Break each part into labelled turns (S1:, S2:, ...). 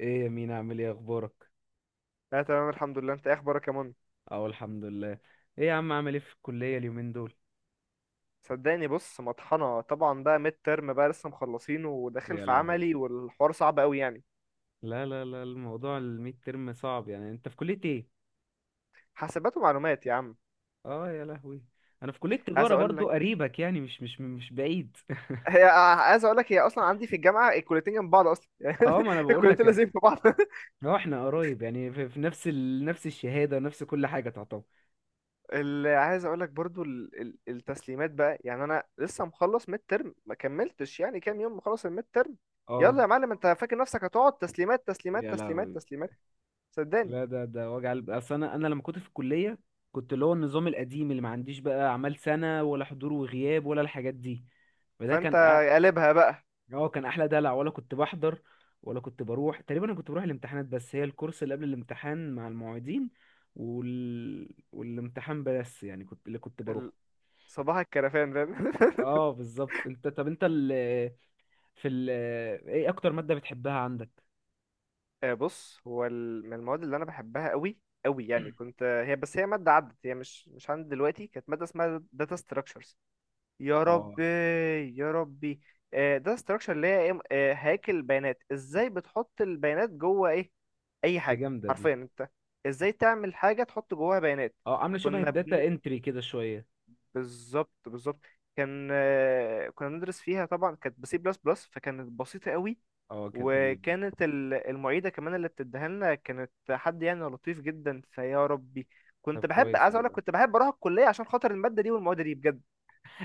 S1: ايه يا مين، عامل ايه؟ اخبارك؟
S2: لا، تمام الحمد لله، انت ايه اخبارك يا من؟
S1: اه، الحمد لله. ايه يا عم، عامل ايه في الكلية اليومين دول؟
S2: صدقني، بص، مطحنه طبعا بقى، ميد ترم بقى لسه مخلصينه وداخل
S1: يا
S2: في
S1: لهوي.
S2: عملي والحوار صعب قوي يعني.
S1: لا لا لا، الموضوع الميد ترم صعب يعني، انت في كلية ايه؟
S2: حاسبات ومعلومات يا عم.
S1: اه، يا لهوي. انا في كلية
S2: عايز
S1: تجارة
S2: اقول
S1: برضو،
S2: لك
S1: قريبك يعني مش بعيد.
S2: هي عايز اقول لك، هي اصلا عندي في الجامعه الكليتين جنب بعض اصلا يعني.
S1: اه، ما انا بقول
S2: الكليتين لازم
S1: لك.
S2: في بعض
S1: اه، احنا قريب يعني في نفس نفس الشهادة ونفس كل حاجة تعتبر.
S2: اللي عايز اقول لك برضو التسليمات بقى، يعني انا لسه مخلص ميد ترم، ما كملتش يعني كام يوم مخلص الميد ترم.
S1: اه،
S2: يلا يا معلم، انت فاكر نفسك هتقعد تسليمات تسليمات
S1: يا
S2: تسليمات
S1: لهوي.
S2: تسليمات؟ صدقني.
S1: لا، ده وجع قلب، اصل انا لما كنت في الكلية كنت اللي هو النظام القديم، اللي ما عنديش بقى اعمال سنة ولا حضور وغياب ولا الحاجات دي، فده
S2: فانت
S1: كان.
S2: قلبها بقى.
S1: اه، كان احلى دلع، ولا كنت بحضر ولا كنت بروح تقريبا. انا كنت بروح الامتحانات بس، هي الكورس اللي قبل الامتحان مع المعيدين والامتحان بس يعني، كنت اللي كنت بروحه.
S2: صباح الكرفان فاهم
S1: اه بالظبط. انت، طب انت في ال... ايه اكتر مادة بتحبها عندك؟
S2: بص، هو من المواد اللي انا بحبها قوي قوي يعني، كنت هي، بس هي ماده عدت، هي مش عندي دلوقتي، كانت ماده اسمها داتا ستراكشرز. يا
S1: اه،
S2: ربي. يا ربي. داتا ستراكشر اللي هي إيه؟ هياكل بيانات، ازاي بتحط البيانات جوه ايه اي
S1: دي
S2: حاجه
S1: جامدة دي.
S2: حرفيا انت، ازاي تعمل حاجه تحط جواها بيانات.
S1: اه، عاملة شبه
S2: كنا
S1: الداتا
S2: بنت
S1: انتري كده شوية.
S2: بالظبط بالظبط. كان كنا بندرس فيها طبعا، كانت بسي بلس بلس، فكانت بسيطه قوي.
S1: اه، كانت جميلة.
S2: وكانت المعيدة كمان اللي بتديها لنا كانت حد يعني لطيف جدا، فيا ربي،
S1: طب
S2: كنت بحب،
S1: كويس
S2: عايز اقول لك،
S1: والله.
S2: كنت بحب اروح الكلية عشان خاطر المادة دي والمواد دي بجد.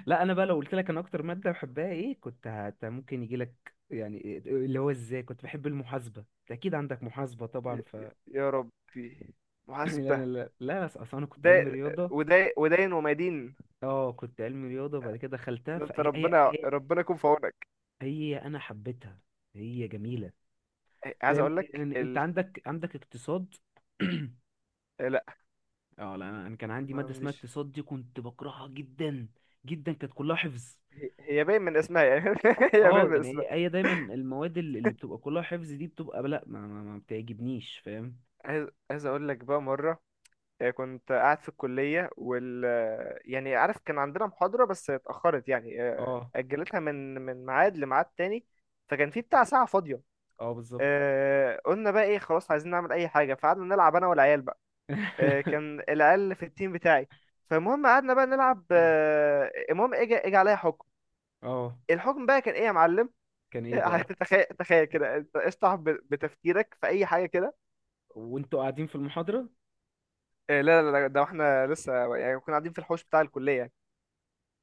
S1: لا، انا بقى لو قلت لك انا اكتر مادة بحبها ايه، كنت ممكن يجي لك، يعني اللي هو ازاي كنت بحب المحاسبة. أنت اكيد عندك محاسبة طبعا.
S2: ي- يا ربي.
S1: لا لا
S2: محاسبة.
S1: لا لا، اصل انا كنت
S2: ده
S1: علمي رياضه.
S2: وده ودين ومدين.
S1: اه، كنت علمي رياضه وبعد كده دخلتها،
S2: ده انت
S1: فهي هي
S2: ربنا
S1: هي,
S2: ربنا يكون في عونك.
S1: هي انا حبيتها. هي جميله.
S2: عايز
S1: فاهم
S2: اقول لك
S1: إن انت عندك اقتصاد؟
S2: لا،
S1: اه لا، انا كان عندي
S2: ما
S1: ماده اسمها
S2: عنديش.
S1: اقتصاد، دي كنت بكرهها جدا جدا، كانت كلها حفظ.
S2: هي باين من اسمها يعني هي
S1: اه،
S2: باين من
S1: يعني
S2: اسمها.
S1: هي دايما المواد اللي بتبقى كلها حفظ دي بتبقى لا، ما بتعجبنيش، فاهم؟
S2: عايز اقول لك بقى مرة. كنت قاعد في الكلية وال آه، يعني عارف، كان عندنا محاضرة بس اتأخرت يعني،
S1: اه،
S2: أجلتها من ميعاد لميعاد تاني. فكان في بتاع ساعة فاضية.
S1: اه، بالظبط.
S2: قلنا بقى ايه، خلاص عايزين نعمل أي حاجة، فقعدنا نلعب أنا والعيال بقى. كان العيال في التيم بتاعي. فالمهم قعدنا بقى نلعب، المهم اجى عليا حكم.
S1: اه،
S2: الحكم بقى كان ايه يا معلم؟
S1: كان ايه بقى؟
S2: تخيل تخيل كده، انت اشطح بتفكيرك في اي حاجه كده.
S1: وانتوا قاعدين في المحاضره؟
S2: لا لا لا، ده احنا لسه يعني كنا قاعدين في الحوش بتاع الكليه.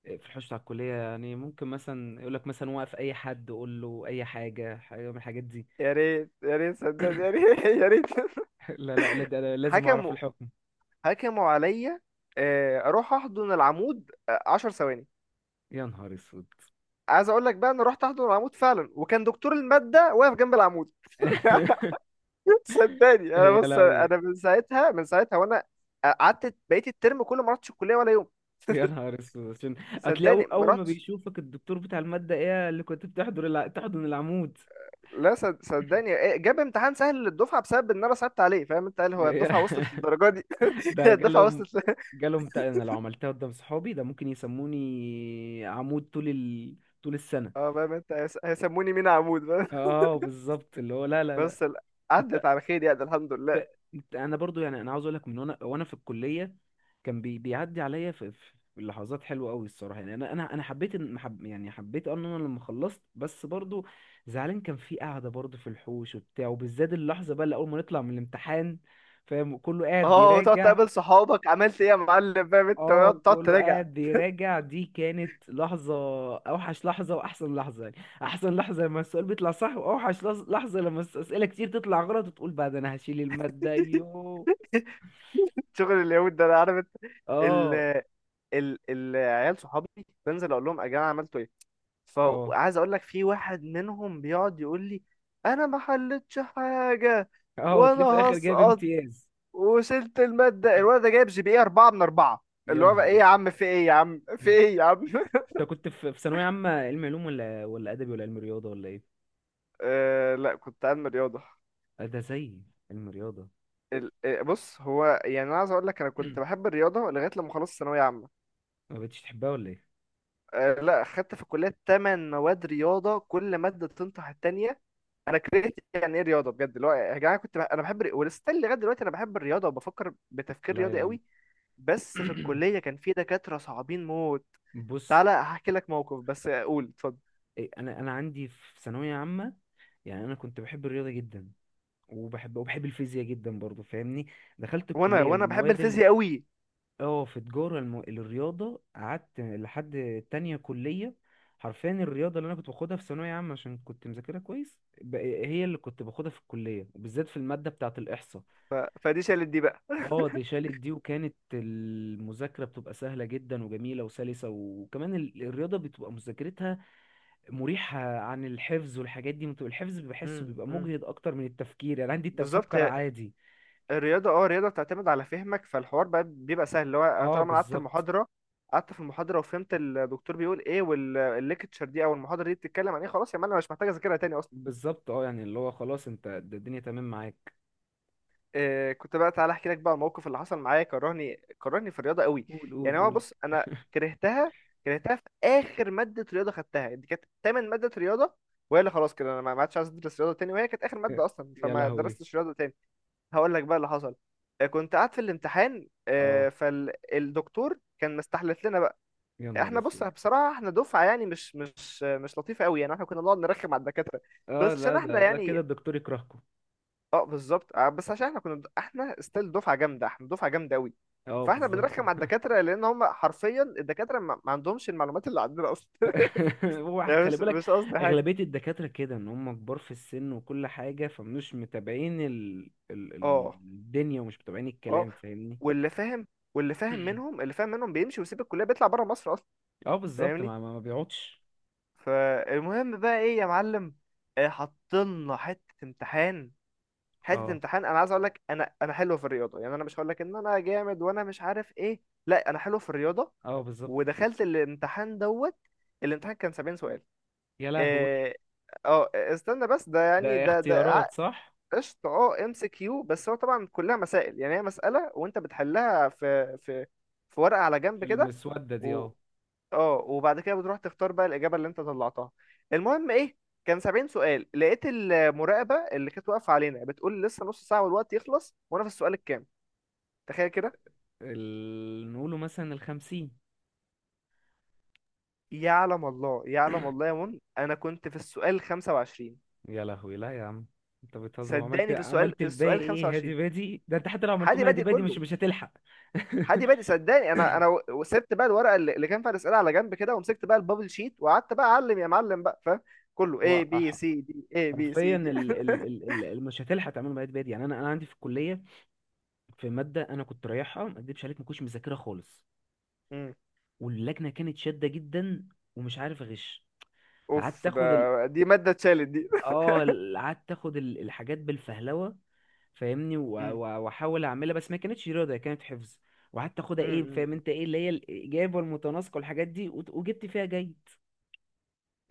S1: في حوشة على الكلية يعني، ممكن مثلا يقول لك مثلا وقف أي حد، قول له أي حاجة من الحاجات دي.
S2: يا ريت يا ريت صدقني يا ريت يا ريت
S1: لا لا لا، ده أنا لازم أعرف
S2: حكموا.
S1: الحكم.
S2: حكموا عليا، اروح احضن العمود 10 ثواني.
S1: يا نهار أسود.
S2: عايز اقول لك بقى، انا رحت احضن العمود فعلا، وكان دكتور المادة واقف جنب العمود صدقني، انا
S1: يا
S2: بص،
S1: لهوي.
S2: انا من ساعتها من ساعتها وانا قعدت بقيت الترم كله ما رحتش الكليه ولا يوم.
S1: يا نهار أسود، عشان هتلاقي أول
S2: صدقني ما
S1: أول ما
S2: رحتش.
S1: بيشوفك الدكتور بتاع المادة، إيه اللي كنت بتحضر تحضن العمود؟
S2: لا، صدقني، جاب امتحان سهل للدفعه بسبب ان انا صعبت عليه فاهم انت، قال هو الدفعه وصلت للدرجه دي.
S1: ده
S2: الدفعه
S1: جالهم.
S2: وصلت
S1: أنا لو عملتها قدام صحابي، ده ممكن يسموني عمود طول السنة.
S2: اه فاهم انت، هيسموني مين؟ عمود
S1: اه بالظبط، اللي هو لا لا لا.
S2: بس عدت على خير يعني الحمد لله.
S1: ت- انا برضو يعني، انا عاوز اقول لك، من وانا في الكليه كان بيعدي عليا في لحظات حلوه قوي الصراحه، يعني انا حبيت ان انا لما خلصت بس برضو زعلان، كان في قعده برضو في الحوش وبتاع، وبالذات اللحظه بقى اللي اول ما نطلع من الامتحان، فاهم؟ كله قاعد
S2: اه، وتقعد
S1: بيراجع.
S2: تقابل صحابك عملت ايه يا معلم فاهم انت،
S1: اه،
S2: تقعد
S1: كله
S2: تراجع.
S1: قاعد بيراجع، دي كانت لحظه. اوحش لحظه واحسن لحظه يعني. احسن لحظه لما السؤال بيطلع صح، واوحش لحظه لما اسئله كتير تطلع غلط وتقول بعد، انا هشيل الماده، يوه.
S2: شغل اليهود ده انا عارف انت. ال
S1: اه،
S2: ال العيال صحابي، بنزل اقول لهم يا جماعه عملتوا ايه،
S1: اه،
S2: فعايز اقول لك في واحد منهم بيقعد يقول لي انا ما حلتش حاجه،
S1: اه،
S2: وانا
S1: وتلاقيه في الاخر جايب
S2: هسقط
S1: امتياز.
S2: وشلت الماده. الولد ده جايب جي بي اي 4 من 4،
S1: يا
S2: اللي هو بقى
S1: نهار
S2: ايه يا
S1: اسود.
S2: عم، في ايه يا عم، في ايه يا عم
S1: انت كنت في ثانويه عامه، علم علوم ولا ادبي ولا علم رياضه ولا ايه؟
S2: لا، كنت علم رياضه.
S1: آه، ده زي علم رياضه.
S2: بص، هو يعني انا عايز اقول لك، انا كنت بحب الرياضه لغايه لما خلصت ثانويه عامه.
S1: ما بقتش تحبها ولا ايه؟
S2: لا، خدت في الكليه 8 مواد رياضه، كل ماده تنطح التانيه. انا كرهت يعني ايه رياضه بجد، اللي هو يا جماعه كنت انا بحب ولسه لغايه دلوقتي انا بحب الرياضه وبفكر بتفكير
S1: لا
S2: رياضي
S1: يا عم.
S2: قوي. بس في الكليه كان في دكاتره صعبين موت.
S1: بص،
S2: تعالى هحكي لك موقف، بس اقول اتفضل.
S1: إيه، انا عندي في ثانويه عامه، يعني انا كنت بحب الرياضه جدا، وبحب الفيزياء جدا برضو، فاهمني؟ دخلت
S2: وانا
S1: الكليه،
S2: وانا بحب
S1: المواد،
S2: الفيزياء قوي.
S1: اه، في تجارة الرياضة، قعدت لحد تانية كلية. حرفيا الرياضة اللي أنا كنت باخدها في ثانوية عامة، عشان كنت مذاكرها كويس، هي اللي كنت باخدها في الكلية، وبالذات في المادة بتاعة الإحصاء.
S2: ف... فدي شالت دي بقى.
S1: اه، دي شالت دي، وكانت المذاكرة بتبقى سهلة جدا وجميلة وسلسة، وكمان الرياضة بتبقى مذاكرتها مريحة عن الحفظ. والحاجات دي بتبقى، الحفظ بحسه بيبقى
S2: امم
S1: مجهد أكتر من التفكير، يعني عندي
S2: بالظبط.
S1: تفكر عادي.
S2: الرياضة، الرياضة بتعتمد على فهمك، فالحوار بقى بيبقى سهل، اللي هو أنا
S1: اه
S2: طالما أنا قعدت
S1: بالظبط،
S2: المحاضرة، قعدت في المحاضرة وفهمت الدكتور بيقول ايه والليكتشر دي او المحاضرة دي بتتكلم عن ايه، خلاص يا مان انا مش محتاج اذاكرها تاني اصلا.
S1: بالظبط. اه يعني اللي هو خلاص، انت الدنيا تمام معاك.
S2: كنت بقى، تعالى احكي لك بقى الموقف اللي حصل معايا، كرهني كرهني في الرياضة قوي.
S1: قول قول
S2: يعني هو
S1: قول.
S2: بص، انا كرهتها، كرهتها في اخر مادة رياضة خدتها، دي كانت تامن مادة رياضة، وهي اللي خلاص كده انا ما عادش عايز ادرس رياضة تاني، وهي كانت اخر مادة اصلا،
S1: يا
S2: فما
S1: لهوي.
S2: درستش رياضة تاني. هقول لك بقى اللي حصل، كنت قاعد في الامتحان،
S1: اه،
S2: فالدكتور كان مستحلف لنا بقى.
S1: يا نهار
S2: احنا بص،
S1: اسود.
S2: بصراحه احنا دفعه يعني مش لطيفه قوي، يعني احنا كنا بنقعد نرخم على الدكاتره،
S1: اه
S2: بس عشان
S1: لا،
S2: احنا
S1: ده كده
S2: يعني.
S1: الدكتور يكرهكم.
S2: اه بالظبط، بس عشان احنا كنا احنا ستيل دفعه جامده، احنا دفعه جامده قوي.
S1: اه
S2: فاحنا
S1: بالظبط.
S2: بنرخم على الدكاتره لان هم حرفيا الدكاتره ما عندهمش المعلومات اللي عندنا اصلا
S1: هو
S2: يعني
S1: خلي
S2: مش
S1: بالك،
S2: مش قصدي حاجه.
S1: اغلبيه الدكاتره كده ان هم كبار في السن وكل حاجه، فمش متابعين
S2: اه.
S1: الدنيا، ومش متابعين
S2: اه.
S1: الكلام، فاهمني؟
S2: واللي فاهم، واللي فاهم منهم، اللي فاهم منهم بيمشي ويسيب الكليه، بيطلع بره مصر اصلا
S1: اه بالظبط،
S2: فاهمني.
S1: ما بيقعدش.
S2: فالمهم بقى ايه يا معلم؟ حطلنا حته امتحان. حته
S1: اه،
S2: امتحان، انا عايز اقول لك، انا حلو في الرياضه، يعني انا مش هقول لك ان انا جامد وانا مش عارف ايه، لا، انا حلو في الرياضه.
S1: اه، بالظبط.
S2: ودخلت الامتحان دوت، الامتحان كان 70 سؤال.
S1: يا لهوي.
S2: اه. استنى بس، ده
S1: ده
S2: يعني
S1: اختيارات صح؟
S2: قشطه. اه ام سي كيو، بس هو طبعا كلها مسائل، يعني هي مساله وانت بتحلها في ورقه على جنب كده.
S1: المسوده دي، اه.
S2: اه. وبعد كده بتروح تختار بقى الاجابه اللي انت طلعتها. المهم ايه؟ كان 70 سؤال، لقيت المراقبه اللي كانت واقفه علينا بتقول لسه نص ساعه والوقت يخلص وانا في السؤال الكام. تخيل كده.
S1: نقوله مثلا الخمسين.
S2: يعلم الله، يعلم الله يا من، انا كنت في السؤال 25.
S1: يا لهوي، لا يا عم، انت بتهزر. عملت
S2: صدقني، في السؤال
S1: عملت
S2: في
S1: الباقي
S2: السؤال
S1: ايه، هادي
S2: 25
S1: بادي؟ ده انت حتى لو عملتهم
S2: حادي
S1: هادي
S2: بادئ
S1: بادي مش
S2: كله.
S1: مش هتلحق.
S2: حادي بادئ، صدقني، انا سبت بقى الورقه اللي كان فيها الاسئله على جنب كده، ومسكت بقى البابل شيت وقعدت بقى اعلم يا معلم بقى فاهم. كله
S1: هو
S2: A B C D A B C
S1: حرفيا
S2: D
S1: مش هتلحق تعملهم هادي بادي. يعني انا عندي في الكليه في ماده انا كنت رايحها، ما اكدبش عليك ما كنتش مذاكرها خالص،
S2: مم.
S1: واللجنه كانت شاده جدا ومش عارف اغش. فقعدت
S2: اوف ده.
S1: اخد،
S2: دي مادة اتشالت دي.
S1: اه، قعدت اخد الحاجات بالفهلوه، فاهمني؟
S2: مم.
S1: واحاول اعملها، بس ما كانتش رياضه، هي كانت حفظ. وقعدت اخدها ايه، فاهم
S2: مم.
S1: انت، ايه اللي هي الاجابه والمتناسقه والحاجات دي، وجبت فيها جيد.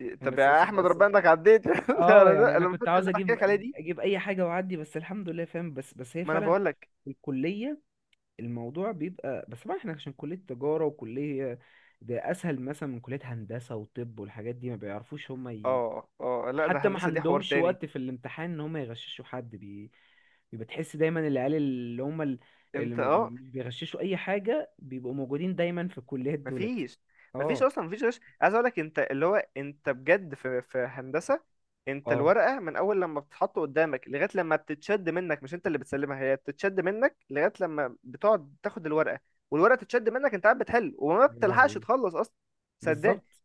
S2: مم.
S1: يعني،
S2: طب
S1: بس
S2: يا
S1: بس
S2: احمد،
S1: بس.
S2: ربنا انك عديت
S1: اه
S2: انا
S1: يعني،
S2: ده
S1: انا
S2: انا
S1: كنت
S2: المادة
S1: عاوز
S2: اللي بحكي
S1: اجيب
S2: لك عليها دي.
S1: اي حاجه واعدي، بس الحمد لله، فاهم؟ بس بس هي
S2: ما انا
S1: فعلا
S2: بقول لك.
S1: الكليه، الموضوع بيبقى، بس طبعا احنا عشان كليه تجاره، وكليه ده اسهل مثلا من كليه هندسه وطب والحاجات دي، ما بيعرفوش هم.
S2: اه، اه، لا، ده
S1: حتى ما
S2: هندسه دي حوار
S1: عندهمش
S2: تاني.
S1: وقت في الامتحان ان هم يغششوا حد بيبقى تحس دايما العيال اللي هم اللي
S2: انت
S1: ما
S2: اه.
S1: بيغششوا اي حاجه بيبقوا موجودين دايما في الكليات دولت.
S2: مفيش، مفيش
S1: اه،
S2: اصلا، مفيش غش عايز اقول لك انت، اللي هو انت بجد في هندسه، انت
S1: اه.
S2: الورقه من اول لما بتتحط قدامك لغايه لما بتتشد منك، مش انت اللي بتسلمها، هي بتتشد منك لغايه لما بتقعد تاخد الورقه، والورقه تتشد منك انت قاعد بتحل وما
S1: يا
S2: بتلحقش
S1: لهوي،
S2: تخلص اصلا. صدقني،
S1: بالظبط.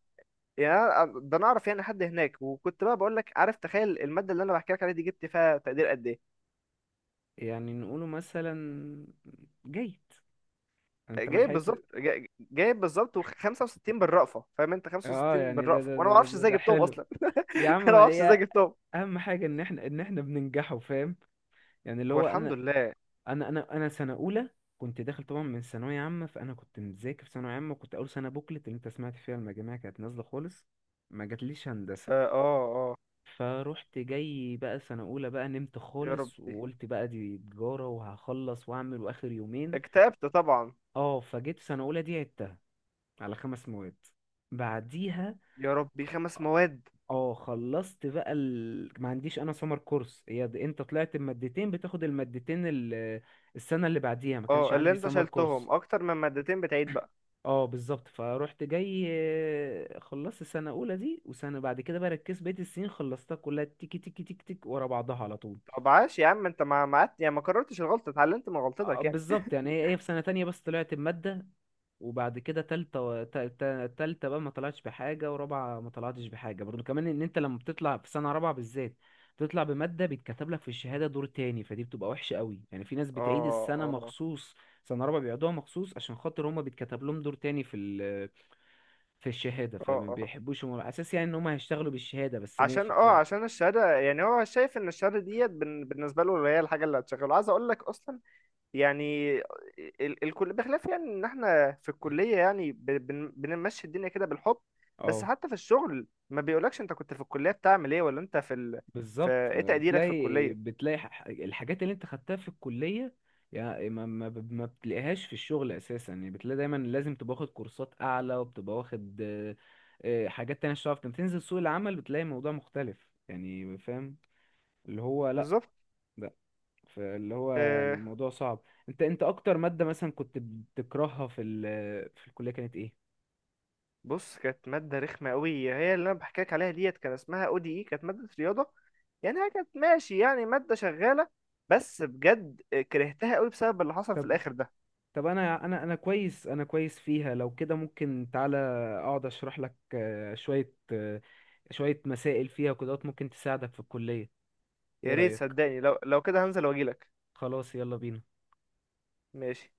S2: يعني أنا ده انا اعرف يعني حد هناك، وكنت بقى بقول لك عارف، تخيل الماده اللي انا بحكي لك عليها دي جبت فيها تقدير قد ايه؟
S1: يعني نقوله مثلا جيد، انت ما
S2: جايب
S1: لحقت؟
S2: بالظبط، جايب بالظبط و65 بالرأفه فاهم انت،
S1: اه
S2: 65
S1: يعني ده
S2: بالرأفه،
S1: ده
S2: وانا ما
S1: ده ده,
S2: اعرفش
S1: ده,
S2: ازاي
S1: ده
S2: جبتهم
S1: حلو.
S2: اصلا
S1: يا عم
S2: انا ما اعرفش ازاي
S1: هي،
S2: جبتهم.
S1: اهم حاجه ان احنا بننجحوا، فاهم؟ يعني اللي
S2: هو
S1: هو
S2: الحمد
S1: انا،
S2: لله.
S1: انا سنه اولى كنت داخل طبعا من ثانويه عامه، فانا كنت مذاكر في ثانويه عامه، وكنت اول سنه بوكلت اللي انت سمعت فيها المجاميع كانت نازله خالص، ما جاتليش هندسه.
S2: اه. اه. آه.
S1: فروحت جاي بقى سنه اولى بقى، نمت
S2: يا
S1: خالص
S2: ربي،
S1: وقلت بقى دي تجاره، وهخلص واعمل واخر يومين.
S2: اكتئبت طبعا.
S1: اه، فجيت سنه اولى دي عدتها على 5 مواد. بعديها،
S2: يا ربي، خمس مواد.
S1: اه، خلصت بقى ما عنديش انا سمر كورس، هي انت طلعت بمادتين بتاخد المادتين السنه اللي بعديها ما كانش
S2: اه، اللي
S1: عندي
S2: انت
S1: سمر كورس.
S2: شلتهم اكتر من مادتين بتعيد بقى.
S1: اه بالظبط، فروحت جاي خلصت السنه الاولى دي، وسنه بعد كده بقى ركزت، بقيه السنين خلصتها كلها تيكي تيكي تيك تيك ورا بعضها على طول.
S2: طب عاش يا عم، انت ما يعني ما كررتش الغلطه، اتعلمت من
S1: اه
S2: غلطتك يعني.
S1: بالظبط، يعني هي في سنه تانية بس طلعت بماده، وبعد كده تالتة تالتة بقى ما طلعتش بحاجة، ورابعة ما طلعتش بحاجة برضو كمان. ان انت لما بتطلع في سنة رابعة بالذات بتطلع بمادة، بيتكتب لك في الشهادة دور تاني، فدي بتبقى وحشة قوي، يعني في ناس بتعيد
S2: اه،
S1: السنة
S2: اه،
S1: مخصوص سنة رابعة، بيقعدوها مخصوص عشان خاطر هما بيتكتب لهم دور تاني في في الشهادة، فما
S2: اه.
S1: بيحبوش هم، على أساس يعني إن هم هيشتغلوا بالشهادة بس، ماشي، فاهم؟
S2: عشان الشهاده يعني، هو شايف ان الشهاده ديت بالنسبه له هي الحاجه اللي هتشغله، عايز اقول لك اصلا. يعني الكل بخلاف، يعني ان احنا في الكليه يعني بنمشي الدنيا كده بالحب، بس
S1: اه
S2: حتى في الشغل ما بيقولكش انت كنت في الكليه بتعمل ايه، ولا انت في في
S1: بالظبط،
S2: ايه
S1: ما
S2: تقديرك في
S1: بتلاقي
S2: الكليه.
S1: بتلاقي الحاجات اللي أنت خدتها في الكلية، يعني ما بتلاقيهاش في الشغل أساسا. يعني بتلاقي دايما لازم تبقى واخد كورسات أعلى، وبتبقى واخد حاجات تانية عشان تعرف تنزل سوق العمل، بتلاقي الموضوع مختلف يعني، فاهم؟ اللي هو لأ،
S2: بالظبط.
S1: لأ، فاللي هو يعني
S2: أه
S1: الموضوع صعب. أنت أكتر مادة مثلا كنت بتكرهها في الكلية كانت إيه؟
S2: بص، كانت ماده رخمه قوي، هي اللي انا بحكي لك عليها ديت كان اسمها او دي اي، كانت ماده رياضه، يعني هي كانت ماشي يعني، ماده شغاله، بس بجد كرهتها قوي بسبب اللي حصل في الاخر ده.
S1: طب انا كويس فيها، لو كده ممكن، تعالى اقعد اشرح لك شوية شوية مسائل فيها، وكده ممكن تساعدك في الكلية. ايه
S2: يا ريت
S1: رأيك؟
S2: صدقني، لو كده هنزل واجيلك.
S1: خلاص يلا بينا.
S2: ماشي.